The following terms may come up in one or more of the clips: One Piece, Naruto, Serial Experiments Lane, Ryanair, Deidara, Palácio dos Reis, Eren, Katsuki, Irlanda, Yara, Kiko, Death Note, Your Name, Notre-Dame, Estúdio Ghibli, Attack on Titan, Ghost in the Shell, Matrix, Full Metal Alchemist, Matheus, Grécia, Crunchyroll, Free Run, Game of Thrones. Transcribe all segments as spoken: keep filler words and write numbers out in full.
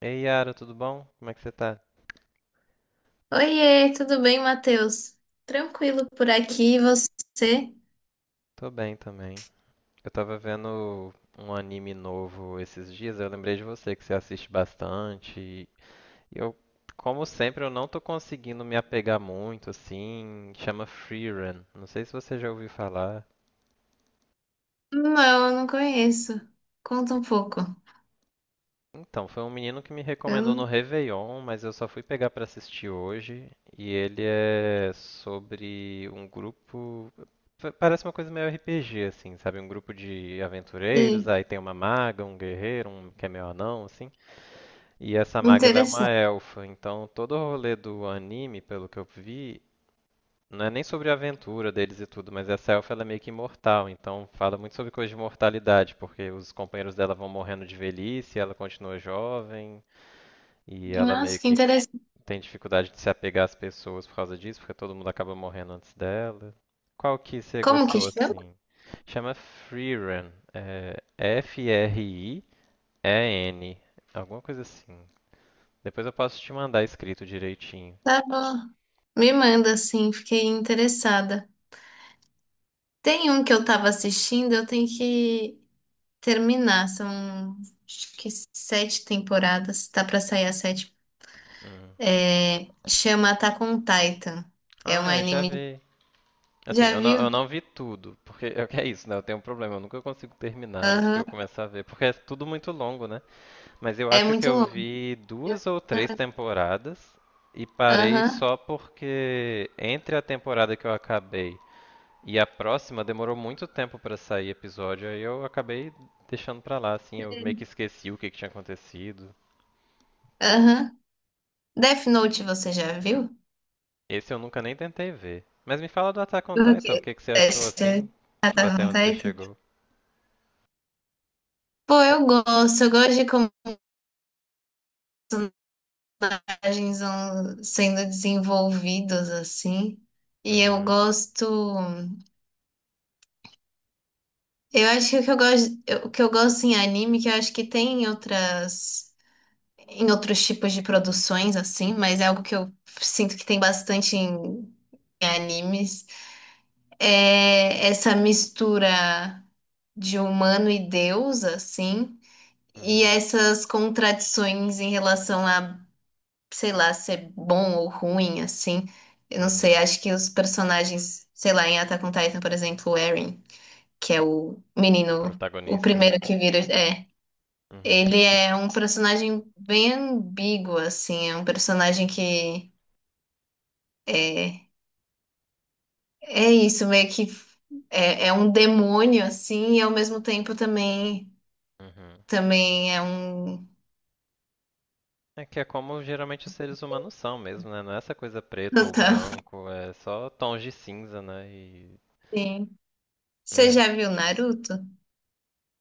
Ei, Yara, tudo bom? Como é que você tá? Oiê, tudo bem, Matheus? Tranquilo por aqui, e você? Tô bem também. Eu tava vendo um anime novo esses dias, eu lembrei de você que você assiste bastante. E eu, como sempre, eu não tô conseguindo me apegar muito, assim. Chama Free Run. Não sei se você já ouviu falar. Não, eu não conheço. Conta um pouco. Então, foi um menino que me Eu recomendou no não Réveillon, mas eu só fui pegar pra assistir hoje. E ele é sobre um grupo. pa- Parece uma coisa meio R P G, assim, sabe? Um grupo de aventureiros, sei. aí tem uma maga, um guerreiro, um que é meio anão, assim. E essa maga ela é uma Interessante. elfa, então todo o rolê do anime, pelo que eu vi, não é nem sobre a aventura deles e tudo, mas essa elfa ela é meio que imortal, então fala muito sobre coisa de mortalidade, porque os companheiros dela vão morrendo de velhice, ela continua jovem. E ela meio Nossa, que que interessante. tem dificuldade de se apegar às pessoas por causa disso, porque todo mundo acaba morrendo antes dela. Qual que você Como que gostou chama? assim? Chama Freerun, é F-R-I-E-N, alguma coisa assim. Depois eu posso te mandar escrito direitinho. Tá bom. Me manda, assim, fiquei interessada. Tem um que eu tava assistindo, eu tenho que terminar. São, acho que sete temporadas, tá pra sair a sétima. Hum. É, chama Attack on Titan. É Ah, um é, já anime. vi. Assim, Já eu não, eu viu? não vi tudo, porque é o que é isso, né? Eu tenho um problema, eu nunca consigo terminar os que eu Aham. começar a ver, porque é tudo muito longo, né? Mas eu É acho que muito eu longo. vi duas ou três temporadas e parei Aham, só porque entre a temporada que eu acabei e a próxima demorou muito tempo pra sair episódio, aí eu acabei deixando pra lá, assim, eu meio que esqueci o que que tinha acontecido. aham. Death Note você já viu? Esse eu nunca nem tentei ver. Mas me fala do Attack on O Titan, o quê? que que você achou Testa. assim? Ah, Tipo, tá até bom, onde você tá. chegou? Pô, eu gosto, eu gosto de como personagens vão sendo desenvolvidos assim. E eu Uhum, gosto. Eu acho que o que eu gosto, eu- o que eu gosto em anime, que eu acho que tem em outras, em outros tipos de produções, assim, mas é algo que eu sinto que tem bastante em em animes. É essa mistura de humano e deus, assim, e uhum, essas contradições em relação a, sei lá, ser bom ou ruim, assim. Eu não sei, uhum. acho que os personagens, sei lá, em Attack on Titan, por exemplo, o Eren, que é o O menino, o protagonista. primeiro que vira, é, Uhum, ele é um personagem bem ambíguo, assim, é um personagem que é, é isso, meio que é, é um demônio, assim, e ao mesmo tempo também uhum. também é um. É que é como geralmente os seres humanos são mesmo, né? Não é essa coisa preto ou Total. branco, é só tons de cinza, né? E Sim. Você é, já viu Naruto?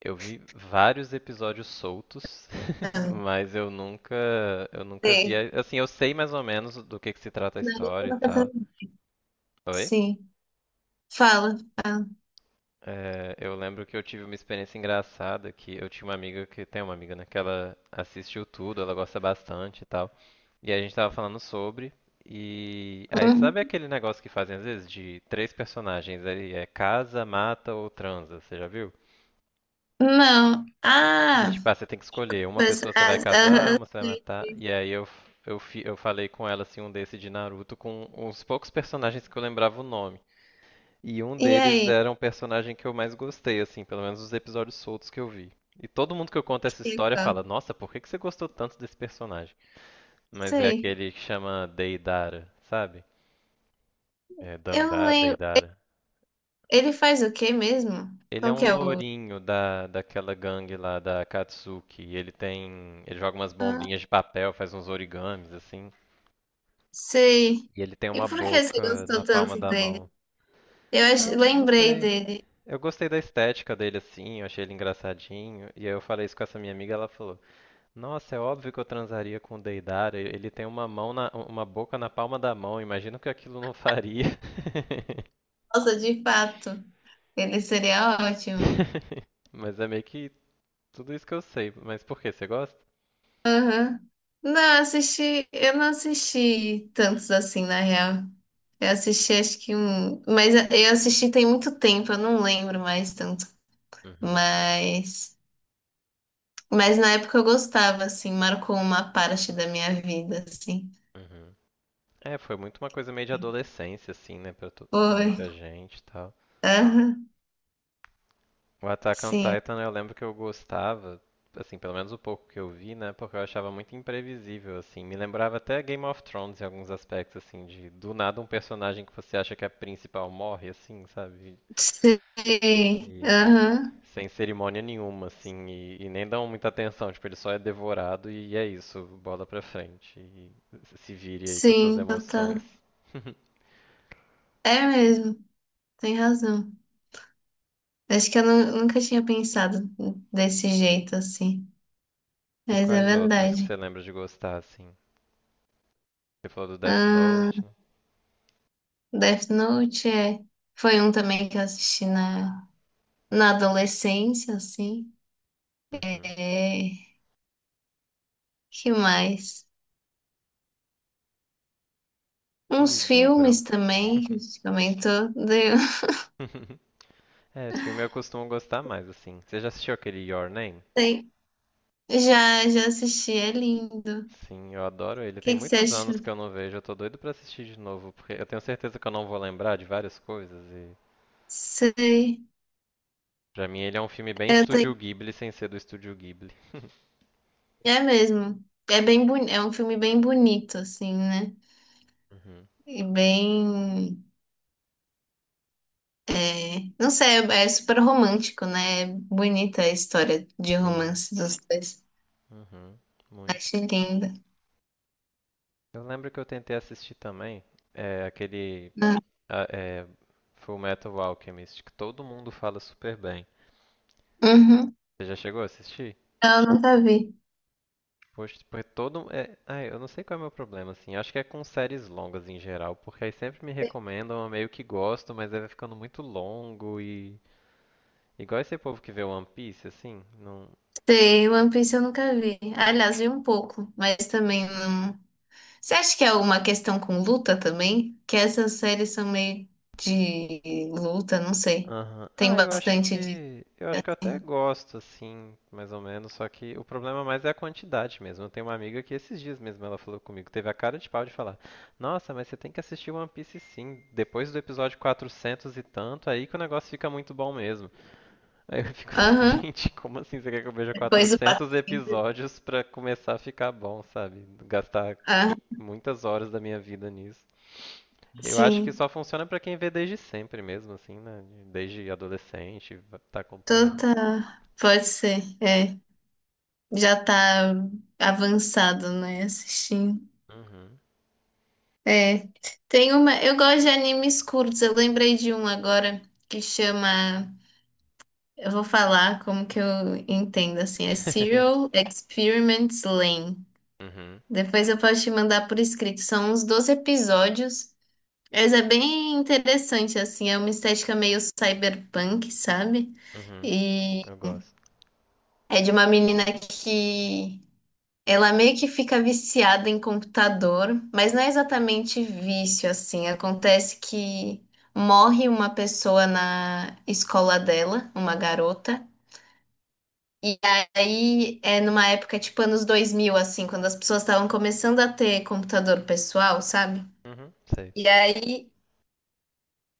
eu vi vários episódios soltos, Não. mas eu nunca, eu nunca vi, Sei. a- assim, eu sei mais ou menos do que que se trata a história Naruto. e tal. Oi? Sim. Fala. fala. É, eu lembro que eu tive uma experiência engraçada que eu tinha uma amiga que tem uma amiga, né, que ela assistiu tudo, ela gosta bastante e tal. E a gente tava falando sobre e aí Hum. sabe aquele negócio que fazem às vezes de três personagens, aí é casa, mata ou transa, você já viu? Não. De Ah, tipo, ah, você tem que escolher, uma mas, pessoa você vai ah, casar, ah, ah, uma você vai sei. matar. E aí eu eu fi- eu falei com ela assim um desse de Naruto com uns poucos personagens que eu lembrava o nome. E um E deles aí, era um personagem que eu mais gostei, assim, pelo menos os episódios soltos que eu vi. E todo mundo que eu conto essa história Kiko? fala, nossa, por que que você gostou tanto desse personagem? Mas é Sei. aquele que chama Deidara, sabe? É Eu Dandara, lembro. Deidara. Ele faz o quê mesmo? Ele é Qual um que é o. lourinho da, daquela gangue lá da Katsuki. E ele tem. Ele joga umas Ah, bombinhas de papel, faz uns origamis, assim. sei. E ele tem E uma por que você boca na gostou palma tanto da dele? mão. Eu ach- Eu não lembrei sei. dele. Eu gostei da estética dele, assim, eu achei ele engraçadinho. E aí eu falei isso com essa minha amiga, ela falou. Nossa, é óbvio que eu transaria com o Deidara. Ele tem uma mão na, uma boca na palma da mão. Imagino que aquilo não faria. Nossa, de fato. Ele seria ótimo. Mas é meio que tudo isso que eu sei. Mas por que você gosta? Aham. Não, assisti, eu não assisti tantos assim, na real. Eu assisti acho que um, mas eu assisti tem muito tempo, eu não lembro mais tanto. Uhum, Mas, mas na época eu gostava, assim, marcou uma parte da minha vida, assim. uhum. É, foi muito uma coisa meio de adolescência, assim, né, pra, tu- pra Foi. muita gente e tal. Aham. O Attack on Sim. Titan eu lembro que eu gostava, assim, pelo menos o pouco que eu vi, né? Porque eu achava muito imprevisível, assim. Me lembrava até Game of Thrones em alguns aspectos, assim, de do nada um personagem que você acha que é principal morre, assim, sabe? Sim. E Aham. sem cerimônia nenhuma, assim, e, e nem dão muita atenção. Tipo, ele só é devorado e é isso, bola pra frente. E se vire aí com as suas Sim, emoções. total. É mesmo, tem razão. Acho que eu nu- nunca tinha pensado desse jeito, assim. E Mas é quais outros que verdade. você lembra de gostar, assim? Você falou do Death Note, né? Death Note é. Foi um também que eu assisti na, na adolescência, assim. Uhum. É. Que mais? Ih, Uns deu filmes branco. também, que a gente comentou. Deu. É, filme eu costumo gostar mais, assim. Você já assistiu aquele Your Name? Tem. Já, já assisti, é lindo. Sim, eu adoro ele. O Tem que que você muitos anos acha? que eu não vejo, eu tô doido pra assistir de novo, porque eu tenho certeza que eu não vou lembrar de várias coisas e Sei. pra mim ele é um filme bem Eu tenho... Estúdio Ghibli sem ser do Estúdio Ghibli. É mesmo. É bem boni... É um filme bem bonito, assim, né? Uhum. E bem. É... Não sei, é é super romântico, né? É bonita a história de Sim, romance dos dois. uhum, muito. Achei linda. Eu lembro que eu tentei assistir também é, aquele a- é, Full Metal Alchemist, que todo mundo fala super bem. Uhum. Você já chegou a assistir? Eu nunca vi. Poxa, porque todo. um, É... ah, eu não sei qual é o meu problema, assim. Acho que é com séries longas em geral, porque aí sempre me recomendam, eu meio que gosto, mas aí vai ficando muito longo e. Igual esse povo que vê One Piece, assim. Não. Sei, One Piece eu nunca vi. Aliás, vi um pouco, mas também não. Você acha que é alguma questão com luta também? Que essas séries são meio de luta, não sei. Aham. Tem Ah, eu acho bastante de, que. Eu acho que eu até assim. gosto, assim, mais ou menos, só que o problema mais é a quantidade mesmo. Eu tenho uma amiga que esses dias mesmo ela falou comigo, teve a cara de pau de falar: Nossa, mas você tem que assistir One Piece sim, depois do episódio quatrocentos e tanto, aí que o negócio fica muito bom mesmo. Aí eu fico assim, Aham. gente, como assim você quer que eu veja Depois o quatrocentos patrocínio. episódios pra começar a ficar bom, sabe? Gastar Ah, qui- muitas horas da minha vida nisso. Eu acho que sim. só funciona pra quem vê desde sempre mesmo, assim, né? Desde adolescente, va- tá acompanhando. Toda pode ser. É. Já tá avançado, né? Assistindo. Uhum. É. Tem uma. Eu gosto de animes curtos. Eu lembrei de um agora que chama. Eu vou falar como que eu entendo, assim, é Serial Experiments Lane. Uhum. Depois eu posso te mandar por escrito, são uns doze episódios, mas é bem interessante, assim, é uma estética meio cyberpunk, sabe? Uhum. E Eu gosto. é de uma menina que ela meio que fica viciada em computador, mas não é exatamente vício, assim, acontece que morre uma pessoa na escola dela, uma garota. E aí, é numa época tipo anos dois mil assim, quando as pessoas estavam começando a ter computador pessoal, sabe? Uhum. Sei. E aí,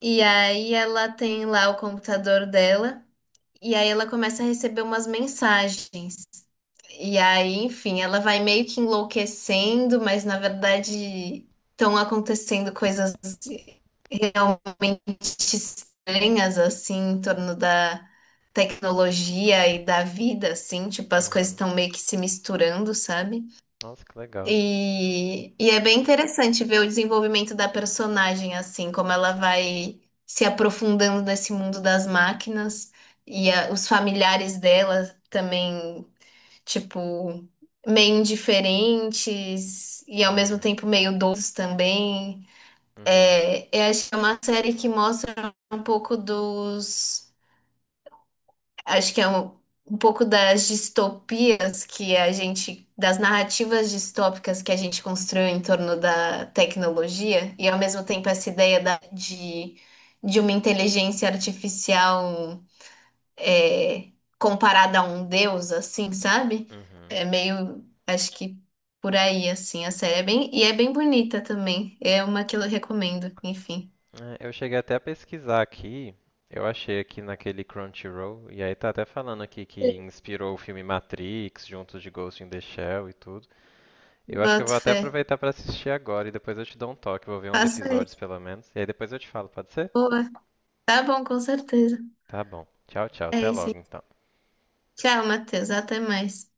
e aí ela tem lá o computador dela, e aí ela começa a receber umas mensagens e aí, enfim, ela vai meio que enlouquecendo, mas na verdade estão acontecendo coisas realmente estranhas, assim, em torno da tecnologia e da vida, assim, tipo, as coisas Uhum. estão meio que se misturando, sabe? Nossa, que legal. E, e é bem interessante ver o desenvolvimento da personagem, assim, como ela vai se aprofundando nesse mundo das máquinas e a- os familiares dela também, tipo, meio indiferentes e ao mesmo Uhum. tempo meio doces também. Uhum. É, eu acho que é uma série que mostra um pouco dos, acho que é um, um pouco das distopias que a gente, das narrativas distópicas que a gente construiu em torno da tecnologia e ao mesmo tempo essa ideia da, de, de uma inteligência artificial é, comparada a um deus, assim, sabe? Uhum. É meio, acho que por aí, assim, a série é bem, e é bem bonita também. É uma que eu recomendo, enfim. É, eu cheguei até a pesquisar aqui, eu achei aqui naquele Crunchyroll, e aí tá até falando aqui Sim. que inspirou o filme Matrix, junto de Ghost in the Shell e tudo. Eu acho que eu Boto vou até fé. aproveitar pra assistir agora e depois eu te dou um toque, vou ver uns Faça episódios isso. pelo menos, e aí depois eu te falo, pode ser? Boa. Tá bom, com certeza. Tá bom. Tchau, tchau, É até isso. logo então. Tchau, Matheus. Até mais.